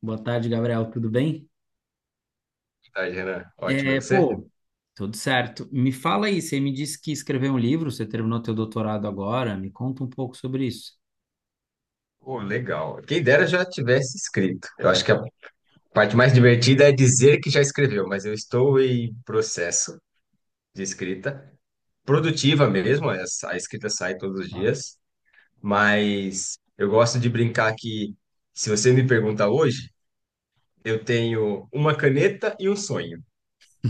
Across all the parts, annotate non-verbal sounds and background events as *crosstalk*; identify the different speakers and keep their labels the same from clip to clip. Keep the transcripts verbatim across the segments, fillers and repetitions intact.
Speaker 1: Boa tarde, Gabriel. Tudo bem?
Speaker 2: Boa tarde, Renan. Ótimo, e
Speaker 1: É,
Speaker 2: você?
Speaker 1: pô, tudo certo. Me fala aí, você me disse que escreveu um livro, você terminou teu doutorado agora. Me conta um pouco sobre isso.
Speaker 2: Pô, legal. Quem dera já tivesse escrito. Eu acho que a parte mais divertida é dizer que já escreveu, mas eu estou em processo de escrita, produtiva mesmo, essa- a escrita sai todos os
Speaker 1: Tá.
Speaker 2: dias, mas eu gosto de brincar que, se você me pergunta hoje, eu tenho uma caneta e um sonho.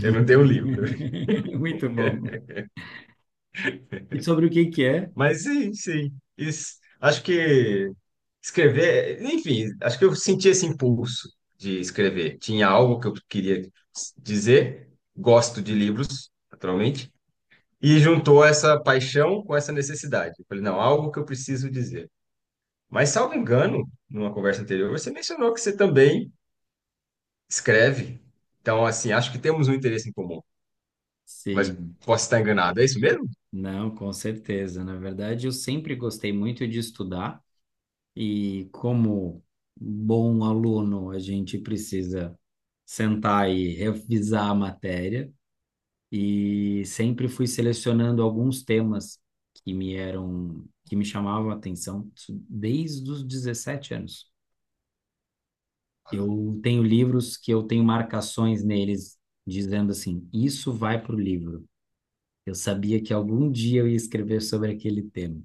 Speaker 2: Eu não tenho um livro.
Speaker 1: Muito bom. E sobre o que que é?
Speaker 2: Mas sim, sim. Isso, acho que escrever, enfim, acho que eu senti esse impulso de escrever. Tinha algo que eu queria dizer, gosto de livros, naturalmente, e juntou essa paixão com essa necessidade. Eu falei, não, algo que eu preciso dizer. Mas, salvo engano, numa conversa anterior, você mencionou que você também escreve. Então, assim, acho que temos um interesse em comum, mas
Speaker 1: Sim,
Speaker 2: posso estar enganado. É isso mesmo?
Speaker 1: não, com certeza. Na verdade, eu sempre gostei muito de estudar e como bom aluno, a gente precisa sentar e revisar a matéria. E sempre fui selecionando alguns temas que me eram que me chamavam a atenção, isso desde os dezessete anos. Eu tenho livros que eu tenho marcações neles dizendo assim, isso vai para o livro. Eu sabia que algum dia eu ia escrever sobre aquele tema.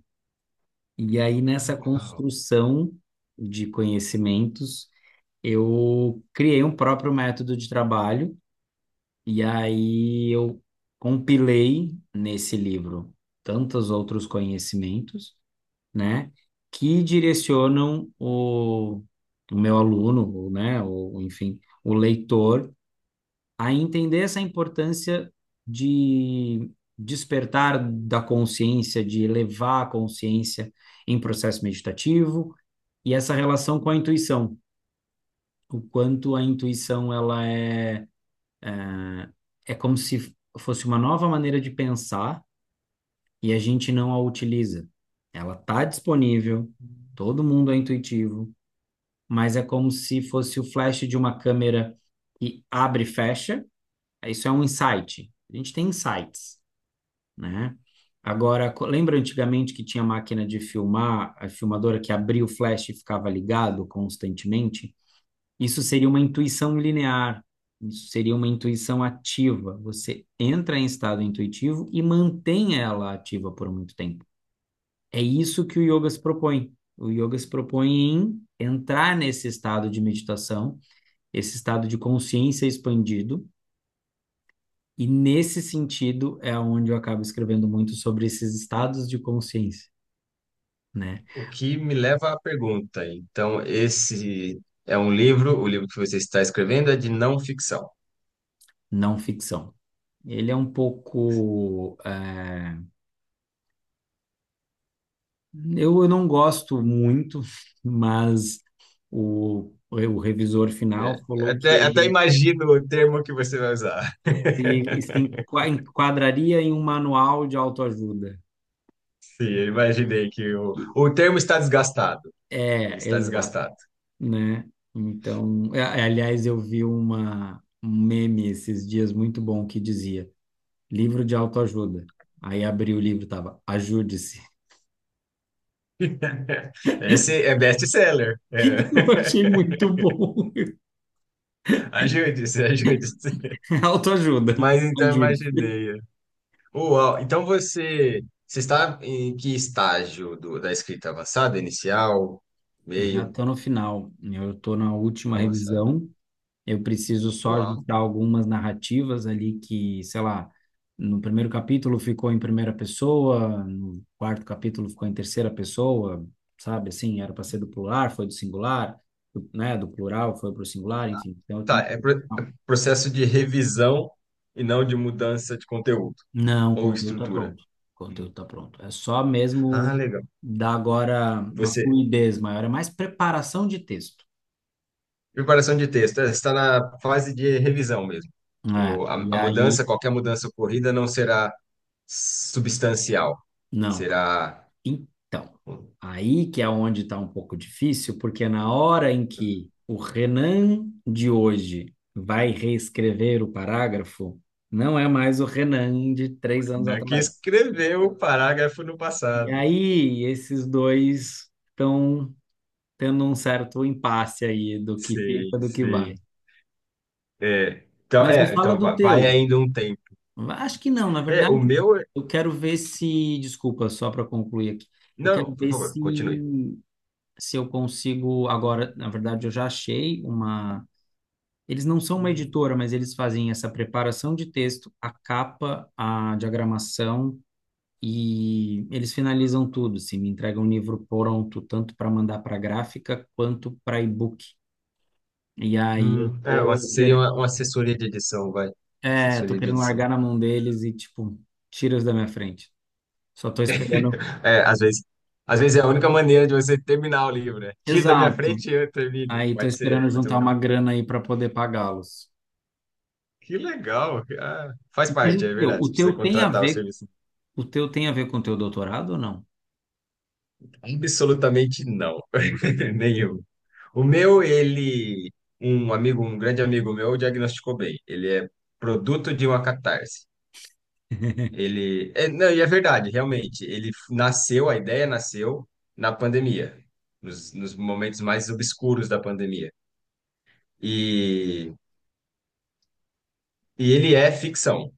Speaker 1: E aí nessa construção de conhecimentos, eu criei um próprio método de trabalho. E aí eu compilei nesse livro tantos outros conhecimentos, né, que direcionam o, o meu aluno, ou, né, ou enfim, o leitor a entender essa importância de despertar da consciência, de elevar a consciência em processo meditativo e essa relação com a intuição, o quanto a intuição ela é... É como se fosse uma nova maneira de pensar e a gente não a utiliza. Ela está disponível, todo mundo é intuitivo, mas é como se fosse o flash de uma câmera que abre e fecha. Isso é um insight. A gente tem insights, né? Agora, lembra antigamente que tinha máquina de filmar, a filmadora que abria o flash e ficava ligado constantemente? Isso seria uma intuição linear, isso seria uma intuição ativa. Você entra em estado intuitivo e mantém ela ativa por muito tempo. É isso que o yoga se propõe. O yoga se propõe em entrar nesse estado de meditação, esse estado de consciência expandido, e nesse sentido é onde eu acabo escrevendo muito sobre esses estados de consciência, né?
Speaker 2: O que me leva à pergunta. Então, esse é um livro, o livro que você está escrevendo é de não ficção.
Speaker 1: Não ficção. Ele é um pouco. É... Eu, eu não gosto muito, mas o, o revisor
Speaker 2: É,
Speaker 1: final falou que
Speaker 2: até, até
Speaker 1: ele
Speaker 2: imagino o termo que você vai usar.
Speaker 1: se, se enqua- enquadraria em um manual de autoajuda.
Speaker 2: *laughs* Sim, eu imaginei que o,
Speaker 1: E-
Speaker 2: o termo está desgastado. Ele
Speaker 1: É,
Speaker 2: está
Speaker 1: exato,
Speaker 2: desgastado.
Speaker 1: né? Então, é- é, aliás, eu vi uma, um meme esses dias muito bom que dizia livro de autoajuda. Aí abri o livro, tava ajude-se.
Speaker 2: *laughs* Esse é best-seller.
Speaker 1: *laughs* Eu
Speaker 2: É.
Speaker 1: achei muito bom. *laughs*
Speaker 2: *laughs* Ajude-se, ajude-se.
Speaker 1: Autoajuda,
Speaker 2: Mas então
Speaker 1: ajude-se.
Speaker 2: imaginei. Uau, então você, você está em que estágio do- da escrita avançada, inicial,
Speaker 1: Já
Speaker 2: meio,
Speaker 1: estou no final, eu estou na última
Speaker 2: avançado?
Speaker 1: revisão. Eu preciso só
Speaker 2: Uau.
Speaker 1: ajustar algumas narrativas ali que, sei lá, no primeiro capítulo ficou em primeira pessoa, no quarto capítulo ficou em terceira pessoa, sabe? Assim, era para ser do plural, foi do singular, do- né? Do plural foi para o singular, enfim. Então eu
Speaker 2: Tá,
Speaker 1: tenho
Speaker 2: é
Speaker 1: que...
Speaker 2: pro- é processo de revisão e não de mudança de conteúdo
Speaker 1: Não, o
Speaker 2: ou
Speaker 1: conteúdo tá
Speaker 2: estrutura.
Speaker 1: pronto. O
Speaker 2: Uhum.
Speaker 1: conteúdo tá pronto. É só mesmo
Speaker 2: Ah, legal.
Speaker 1: dar agora uma
Speaker 2: Você,
Speaker 1: fluidez maior, é mais preparação de texto.
Speaker 2: preparação de texto, é, está na fase de revisão mesmo.
Speaker 1: É,
Speaker 2: O, a,
Speaker 1: e
Speaker 2: a mudança,
Speaker 1: aí,
Speaker 2: qualquer mudança ocorrida não será substancial,
Speaker 1: não.
Speaker 2: será
Speaker 1: Então, aí que é onde está um pouco difícil, porque na hora em que o Renan de hoje vai reescrever o parágrafo, não é mais o Renan de três anos
Speaker 2: né, que
Speaker 1: atrás.
Speaker 2: escreveu o parágrafo no
Speaker 1: E
Speaker 2: passado.
Speaker 1: aí, esses dois estão tendo um certo impasse aí do que fica,
Speaker 2: Sei,
Speaker 1: do que vai.
Speaker 2: sei. É, então,
Speaker 1: Mas me
Speaker 2: é,
Speaker 1: fala
Speaker 2: então
Speaker 1: do
Speaker 2: va- vai
Speaker 1: teu.
Speaker 2: ainda um tempo.
Speaker 1: Acho que não, na
Speaker 2: É, o
Speaker 1: verdade,
Speaker 2: meu.
Speaker 1: eu quero ver se. Desculpa, só para concluir aqui. Eu quero
Speaker 2: Não, por
Speaker 1: ver
Speaker 2: favor,
Speaker 1: se
Speaker 2: continue.
Speaker 1: se eu consigo agora, na verdade, eu já achei uma. Eles não são uma editora, mas eles fazem essa preparação de texto, a capa, a diagramação e eles finalizam tudo. Se me entregam um livro pronto, tanto para mandar para gráfica quanto para e-book. E aí eu
Speaker 2: Hum, é, uma-
Speaker 1: tô
Speaker 2: seria
Speaker 1: querendo,
Speaker 2: uma, uma assessoria de edição, vai.
Speaker 1: é, tô
Speaker 2: Assessoria de
Speaker 1: querendo
Speaker 2: edição.
Speaker 1: largar na mão deles e tipo, tira-os da minha frente. Só tô esperando.
Speaker 2: É, às vezes, às vezes é a única maneira de você terminar o livro, né? Tira da minha
Speaker 1: Exato.
Speaker 2: frente e eu termino.
Speaker 1: Aí tô
Speaker 2: Pode ser,
Speaker 1: esperando
Speaker 2: pode ser
Speaker 1: juntar
Speaker 2: um.
Speaker 1: uma grana aí para poder pagá-los.
Speaker 2: Que legal! Ah, faz
Speaker 1: Mas o
Speaker 2: parte, é
Speaker 1: teu,
Speaker 2: verdade.
Speaker 1: o
Speaker 2: Você precisa
Speaker 1: teu tem a
Speaker 2: contratar o
Speaker 1: ver
Speaker 2: serviço.
Speaker 1: O teu tem a ver com o teu doutorado ou não?
Speaker 2: Absolutamente não. *laughs* Nenhum. O meu, ele, um amigo, um grande amigo meu, diagnosticou bem. Ele é produto de uma catarse. Ele, é, não, e é verdade, realmente. Ele nasceu, a ideia nasceu na pandemia, nos, nos momentos mais obscuros da pandemia. E, e ele é ficção.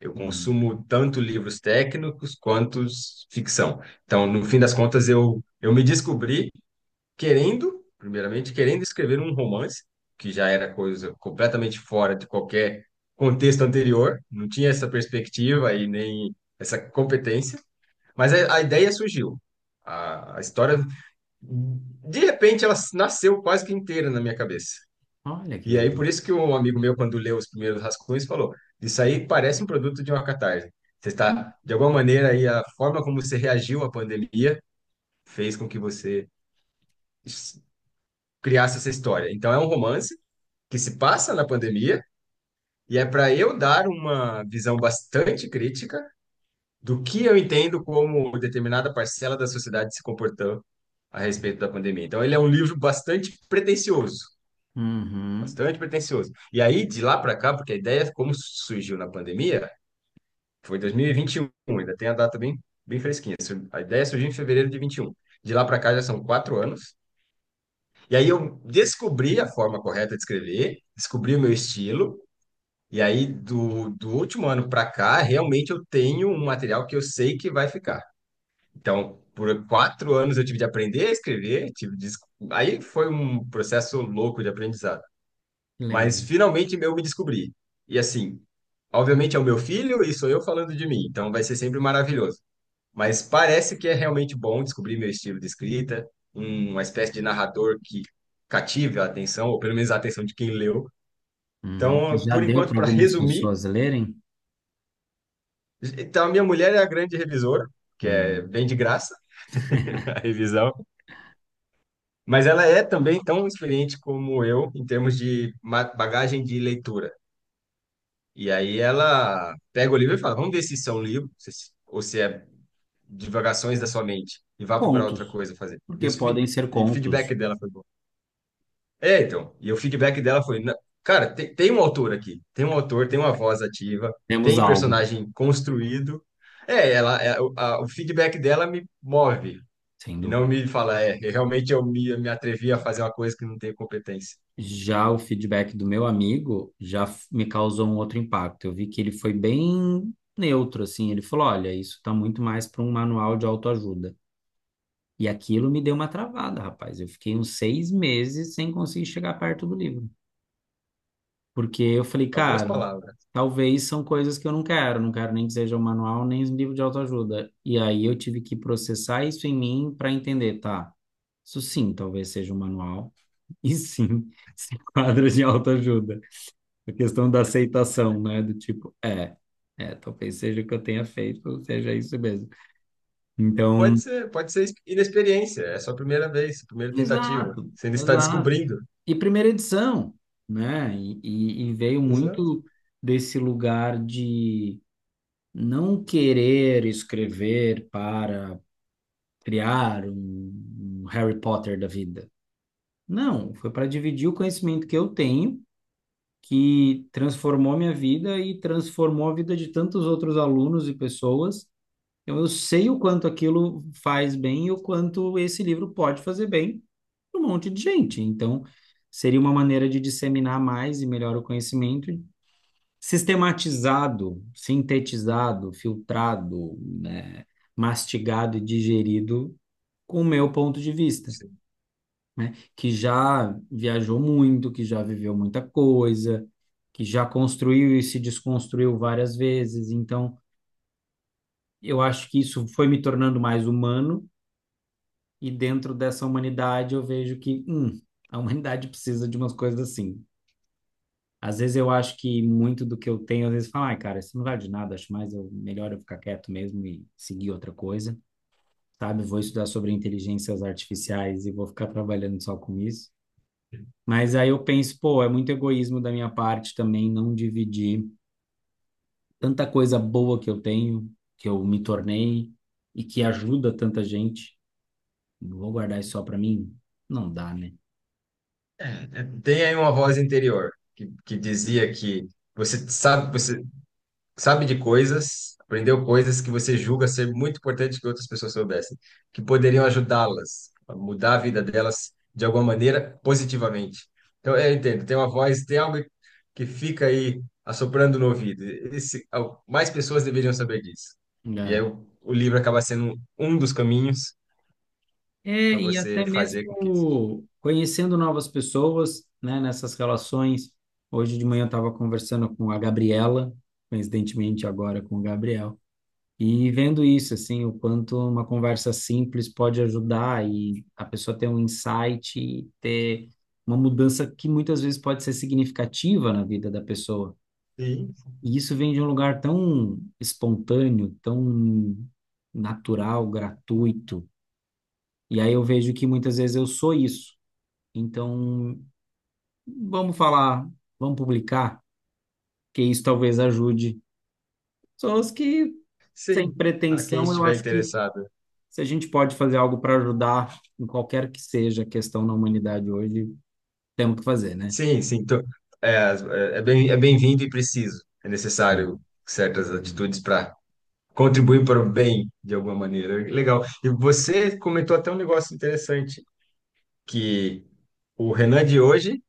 Speaker 2: Eu
Speaker 1: Hum.
Speaker 2: consumo tanto livros técnicos quanto s- ficção. Então, no fim das contas, eu, eu me descobri querendo, primeiramente, querendo escrever um romance, que já era coisa completamente fora de qualquer contexto anterior, não tinha essa perspectiva e nem essa competência. Mas a, a ideia surgiu. A, a história, de repente, ela nasceu quase que inteira na minha cabeça.
Speaker 1: Olha que
Speaker 2: E aí,
Speaker 1: legal.
Speaker 2: por isso que um amigo meu, quando leu os primeiros rascunhos, falou: Isso aí parece um produto de uma catarse. Você está, de alguma maneira, aí, a forma como você reagiu à pandemia fez com que você s- criasse essa história. Então, é um romance que se passa na pandemia e é para eu dar uma visão bastante crítica do que eu entendo como determinada parcela da sociedade se comportou a respeito da pandemia. Então, ele é um livro bastante pretensioso,
Speaker 1: Uhum.
Speaker 2: bastante pretensioso. E aí, de lá para cá, porque a ideia, como surgiu na pandemia, foi dois mil e vinte e um, ainda tem a data bem, bem fresquinha. A ideia surgiu em fevereiro de vinte e um. De lá para cá já são quatro anos. E aí eu descobri a forma correta de escrever, descobri o meu estilo. E aí, do, do último ano para cá, realmente eu tenho um material que eu sei que vai ficar. Então, por quatro anos eu tive de aprender a escrever, tive de... es- aí foi um processo louco de aprendizado.
Speaker 1: Que
Speaker 2: Mas
Speaker 1: legal.
Speaker 2: finalmente eu me descobri. E assim, obviamente é o meu filho e sou eu falando de mim, então vai ser sempre maravilhoso. Mas parece que é realmente bom descobrir meu estilo de escrita, um- uma espécie de narrador que cative a atenção, ou pelo menos a atenção de quem leu.
Speaker 1: Uhum.
Speaker 2: Então,
Speaker 1: Já
Speaker 2: por
Speaker 1: deu
Speaker 2: enquanto,
Speaker 1: para
Speaker 2: para
Speaker 1: algumas
Speaker 2: resumir,
Speaker 1: pessoas lerem?
Speaker 2: então a minha mulher é a grande revisora, que é
Speaker 1: Hum.
Speaker 2: bem de graça *laughs* a revisão. Mas ela é também tão experiente como eu em termos de ma- bagagem de leitura. E aí ela pega o livro e fala: vamos ver se isso é um livro se- ou se é divagações da sua mente e vá procurar outra
Speaker 1: Contos,
Speaker 2: coisa a fazer. E,
Speaker 1: porque
Speaker 2: os feed-
Speaker 1: podem ser
Speaker 2: e o
Speaker 1: contos.
Speaker 2: feedback dela foi bom. É, então. E o feedback dela foi: "Na- cara, tem, tem um autor aqui, tem um autor, tem uma voz ativa,
Speaker 1: Temos
Speaker 2: tem
Speaker 1: algo,
Speaker 2: personagem construído. É, ela, é- o a- o feedback dela me move.
Speaker 1: sem
Speaker 2: E não
Speaker 1: dúvida.
Speaker 2: me fala, é, realmente eu me, eu me atrevi a fazer uma coisa que não tenho competência.
Speaker 1: Já o feedback do meu amigo já f- me causou um outro impacto. Eu vi que ele foi bem neutro, assim. Ele falou: olha, isso está muito mais para um manual de autoajuda. E aquilo me deu uma travada, rapaz. Eu fiquei uns seis meses sem conseguir chegar perto do livro. Porque eu falei,
Speaker 2: Algumas
Speaker 1: cara,
Speaker 2: palavras.
Speaker 1: talvez são coisas que eu não quero, não quero nem que seja um manual, nem um livro de autoajuda. E aí eu tive que processar isso em mim para entender, tá? Isso sim, talvez seja um manual, *laughs* e sim, se enquadra *laughs* de autoajuda. A questão da aceitação, né? Do tipo, é, é, talvez seja o que eu tenha feito, seja isso mesmo.
Speaker 2: Pode
Speaker 1: Então,
Speaker 2: ser, pode ser inexperiência, é sua primeira vez, sua primeira tentativa.
Speaker 1: exato,
Speaker 2: Você ainda está
Speaker 1: exato.
Speaker 2: descobrindo.
Speaker 1: E primeira edição, né? E, e e veio
Speaker 2: Exato.
Speaker 1: muito desse lugar de não querer escrever para criar um, um Harry Potter da vida. Não, foi para dividir o conhecimento que eu tenho, que transformou minha vida e transformou a vida de tantos outros alunos e pessoas. Então, eu sei o quanto aquilo faz bem e o quanto esse livro pode fazer bem para um monte de gente. Então, seria uma maneira de disseminar mais e melhor o conhecimento, sistematizado, sintetizado, filtrado, né, mastigado e digerido com o meu ponto de vista,
Speaker 2: Sim.
Speaker 1: né, que já viajou muito, que já viveu muita coisa, que já construiu e se desconstruiu várias vezes. Então, eu acho que isso foi me tornando mais humano e dentro dessa humanidade eu vejo que, hum, a humanidade precisa de umas coisas assim. Às vezes eu acho que muito do que eu tenho, às vezes falo, ai, cara, isso não vale de nada, acho mais eu, melhor eu ficar quieto mesmo e seguir outra coisa, sabe? Vou estudar sobre inteligências artificiais e vou ficar trabalhando só com isso. Mas aí eu penso, pô, é muito egoísmo da minha parte também não dividir tanta coisa boa que eu tenho, que eu me tornei e que ajuda tanta gente. Não vou guardar isso só pra mim? Não dá, né?
Speaker 2: É, é, tem aí uma voz interior que, que dizia que você sabe, você sabe de coisas, aprendeu coisas que você julga ser muito importante que outras pessoas soubessem, que poderiam ajudá-las a mudar a vida delas de alguma maneira positivamente. Então, eu entendo, tem uma voz, tem algo que fica aí assoprando no ouvido. Esse, ao- mais pessoas deveriam saber disso. E aí
Speaker 1: É.
Speaker 2: o, o livro acaba sendo um dos caminhos
Speaker 1: É,
Speaker 2: para
Speaker 1: e até
Speaker 2: você fazer com que isso chegue.
Speaker 1: mesmo conhecendo novas pessoas, né, nessas relações. Hoje de manhã eu estava conversando com a Gabriela, coincidentemente agora com o Gabriel, e vendo isso, assim, o quanto uma conversa simples pode ajudar e a pessoa ter um insight, e ter uma mudança que muitas vezes pode ser significativa na vida da pessoa.
Speaker 2: Sim,
Speaker 1: E isso vem de um lugar tão espontâneo, tão natural, gratuito. E aí eu vejo que muitas vezes eu sou isso. Então, vamos falar, vamos publicar, que isso talvez ajude. Pessoas que, sem
Speaker 2: sim. A quem
Speaker 1: pretensão, eu
Speaker 2: estiver
Speaker 1: acho que
Speaker 2: interessado.
Speaker 1: se a gente pode fazer algo para ajudar em qualquer que seja a questão na humanidade hoje, temos que fazer, né?
Speaker 2: Sim, sim. Então, é, é é bem, é bem-vindo e preciso. É necessário certas atitudes para contribuir para o bem de alguma maneira. Legal. E você comentou até um negócio interessante, que o Renan de hoje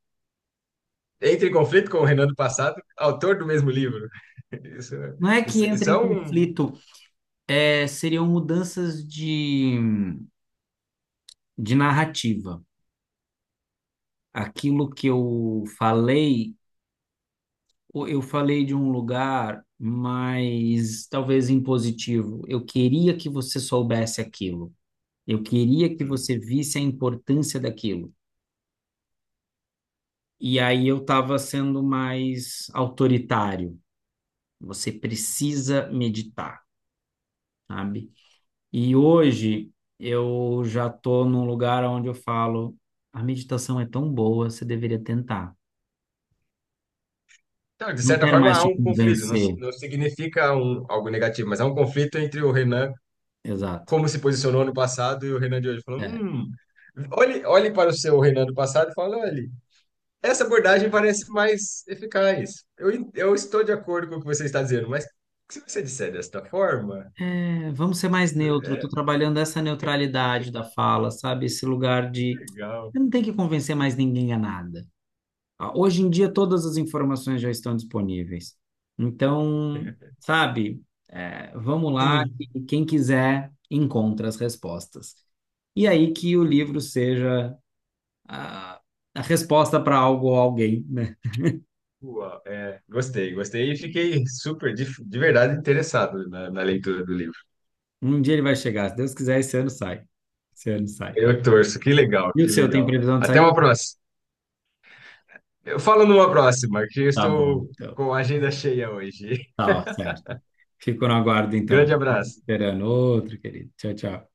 Speaker 2: entra em conflito com o Renan do passado, autor do mesmo livro. *laughs* Isso, é-
Speaker 1: Não é que
Speaker 2: isso,
Speaker 1: entra
Speaker 2: isso
Speaker 1: em
Speaker 2: é um.
Speaker 1: conflito, é, seriam mudanças de, de narrativa. Aquilo que eu falei o- eu falei de um lugar mais talvez impositivo. Eu queria que você soubesse aquilo. Eu queria que você
Speaker 2: Hum.
Speaker 1: visse a importância daquilo. E aí eu estava sendo mais autoritário. Você precisa meditar, sabe? E hoje eu já estou num lugar onde eu falo, a meditação é tão boa, você deveria tentar.
Speaker 2: Então, de
Speaker 1: Não
Speaker 2: certa
Speaker 1: quero
Speaker 2: forma,
Speaker 1: mais
Speaker 2: há
Speaker 1: te
Speaker 2: um conflito. Não,
Speaker 1: convencer.
Speaker 2: não significa um, algo negativo, mas há um conflito entre o Renan
Speaker 1: Exato.
Speaker 2: como se posicionou no passado e o Renan de hoje falou,
Speaker 1: É.
Speaker 2: hum, olhe, olhe para o seu Renan do passado e fala, olhe, essa abordagem parece mais eficaz. Eu, en- eu estou de acordo com o que você está dizendo, mas se você disser desta forma,
Speaker 1: É, vamos ser mais neutro. Eu tô
Speaker 2: é
Speaker 1: trabalhando essa neutralidade da fala, sabe? Esse lugar de
Speaker 2: legal.
Speaker 1: eu não tenho que convencer mais ninguém a nada. Ah, hoje em dia, todas as informações já estão disponíveis. Então,
Speaker 2: *laughs*
Speaker 1: sabe? É, vamos lá,
Speaker 2: Sim,
Speaker 1: que quem quiser encontra as respostas. E aí que o livro
Speaker 2: sim.
Speaker 1: seja a, a resposta para algo ou alguém, né?
Speaker 2: Uau, é, gostei, gostei e fiquei super, de, de verdade, interessado na, na leitura do livro.
Speaker 1: Um dia ele vai chegar. Se Deus quiser, esse ano sai. Esse ano sai.
Speaker 2: Eu torço, que legal,
Speaker 1: E o
Speaker 2: que
Speaker 1: seu, tem
Speaker 2: legal.
Speaker 1: previsão de
Speaker 2: Até
Speaker 1: sair?
Speaker 2: uma próxima. Eu falo numa próxima, que eu
Speaker 1: Tá bom,
Speaker 2: estou
Speaker 1: então.
Speaker 2: com a agenda cheia hoje.
Speaker 1: Tá, certo. Fico no aguardo,
Speaker 2: *laughs*
Speaker 1: então.
Speaker 2: Grande abraço.
Speaker 1: Esperando outro, querido. Tchau, tchau.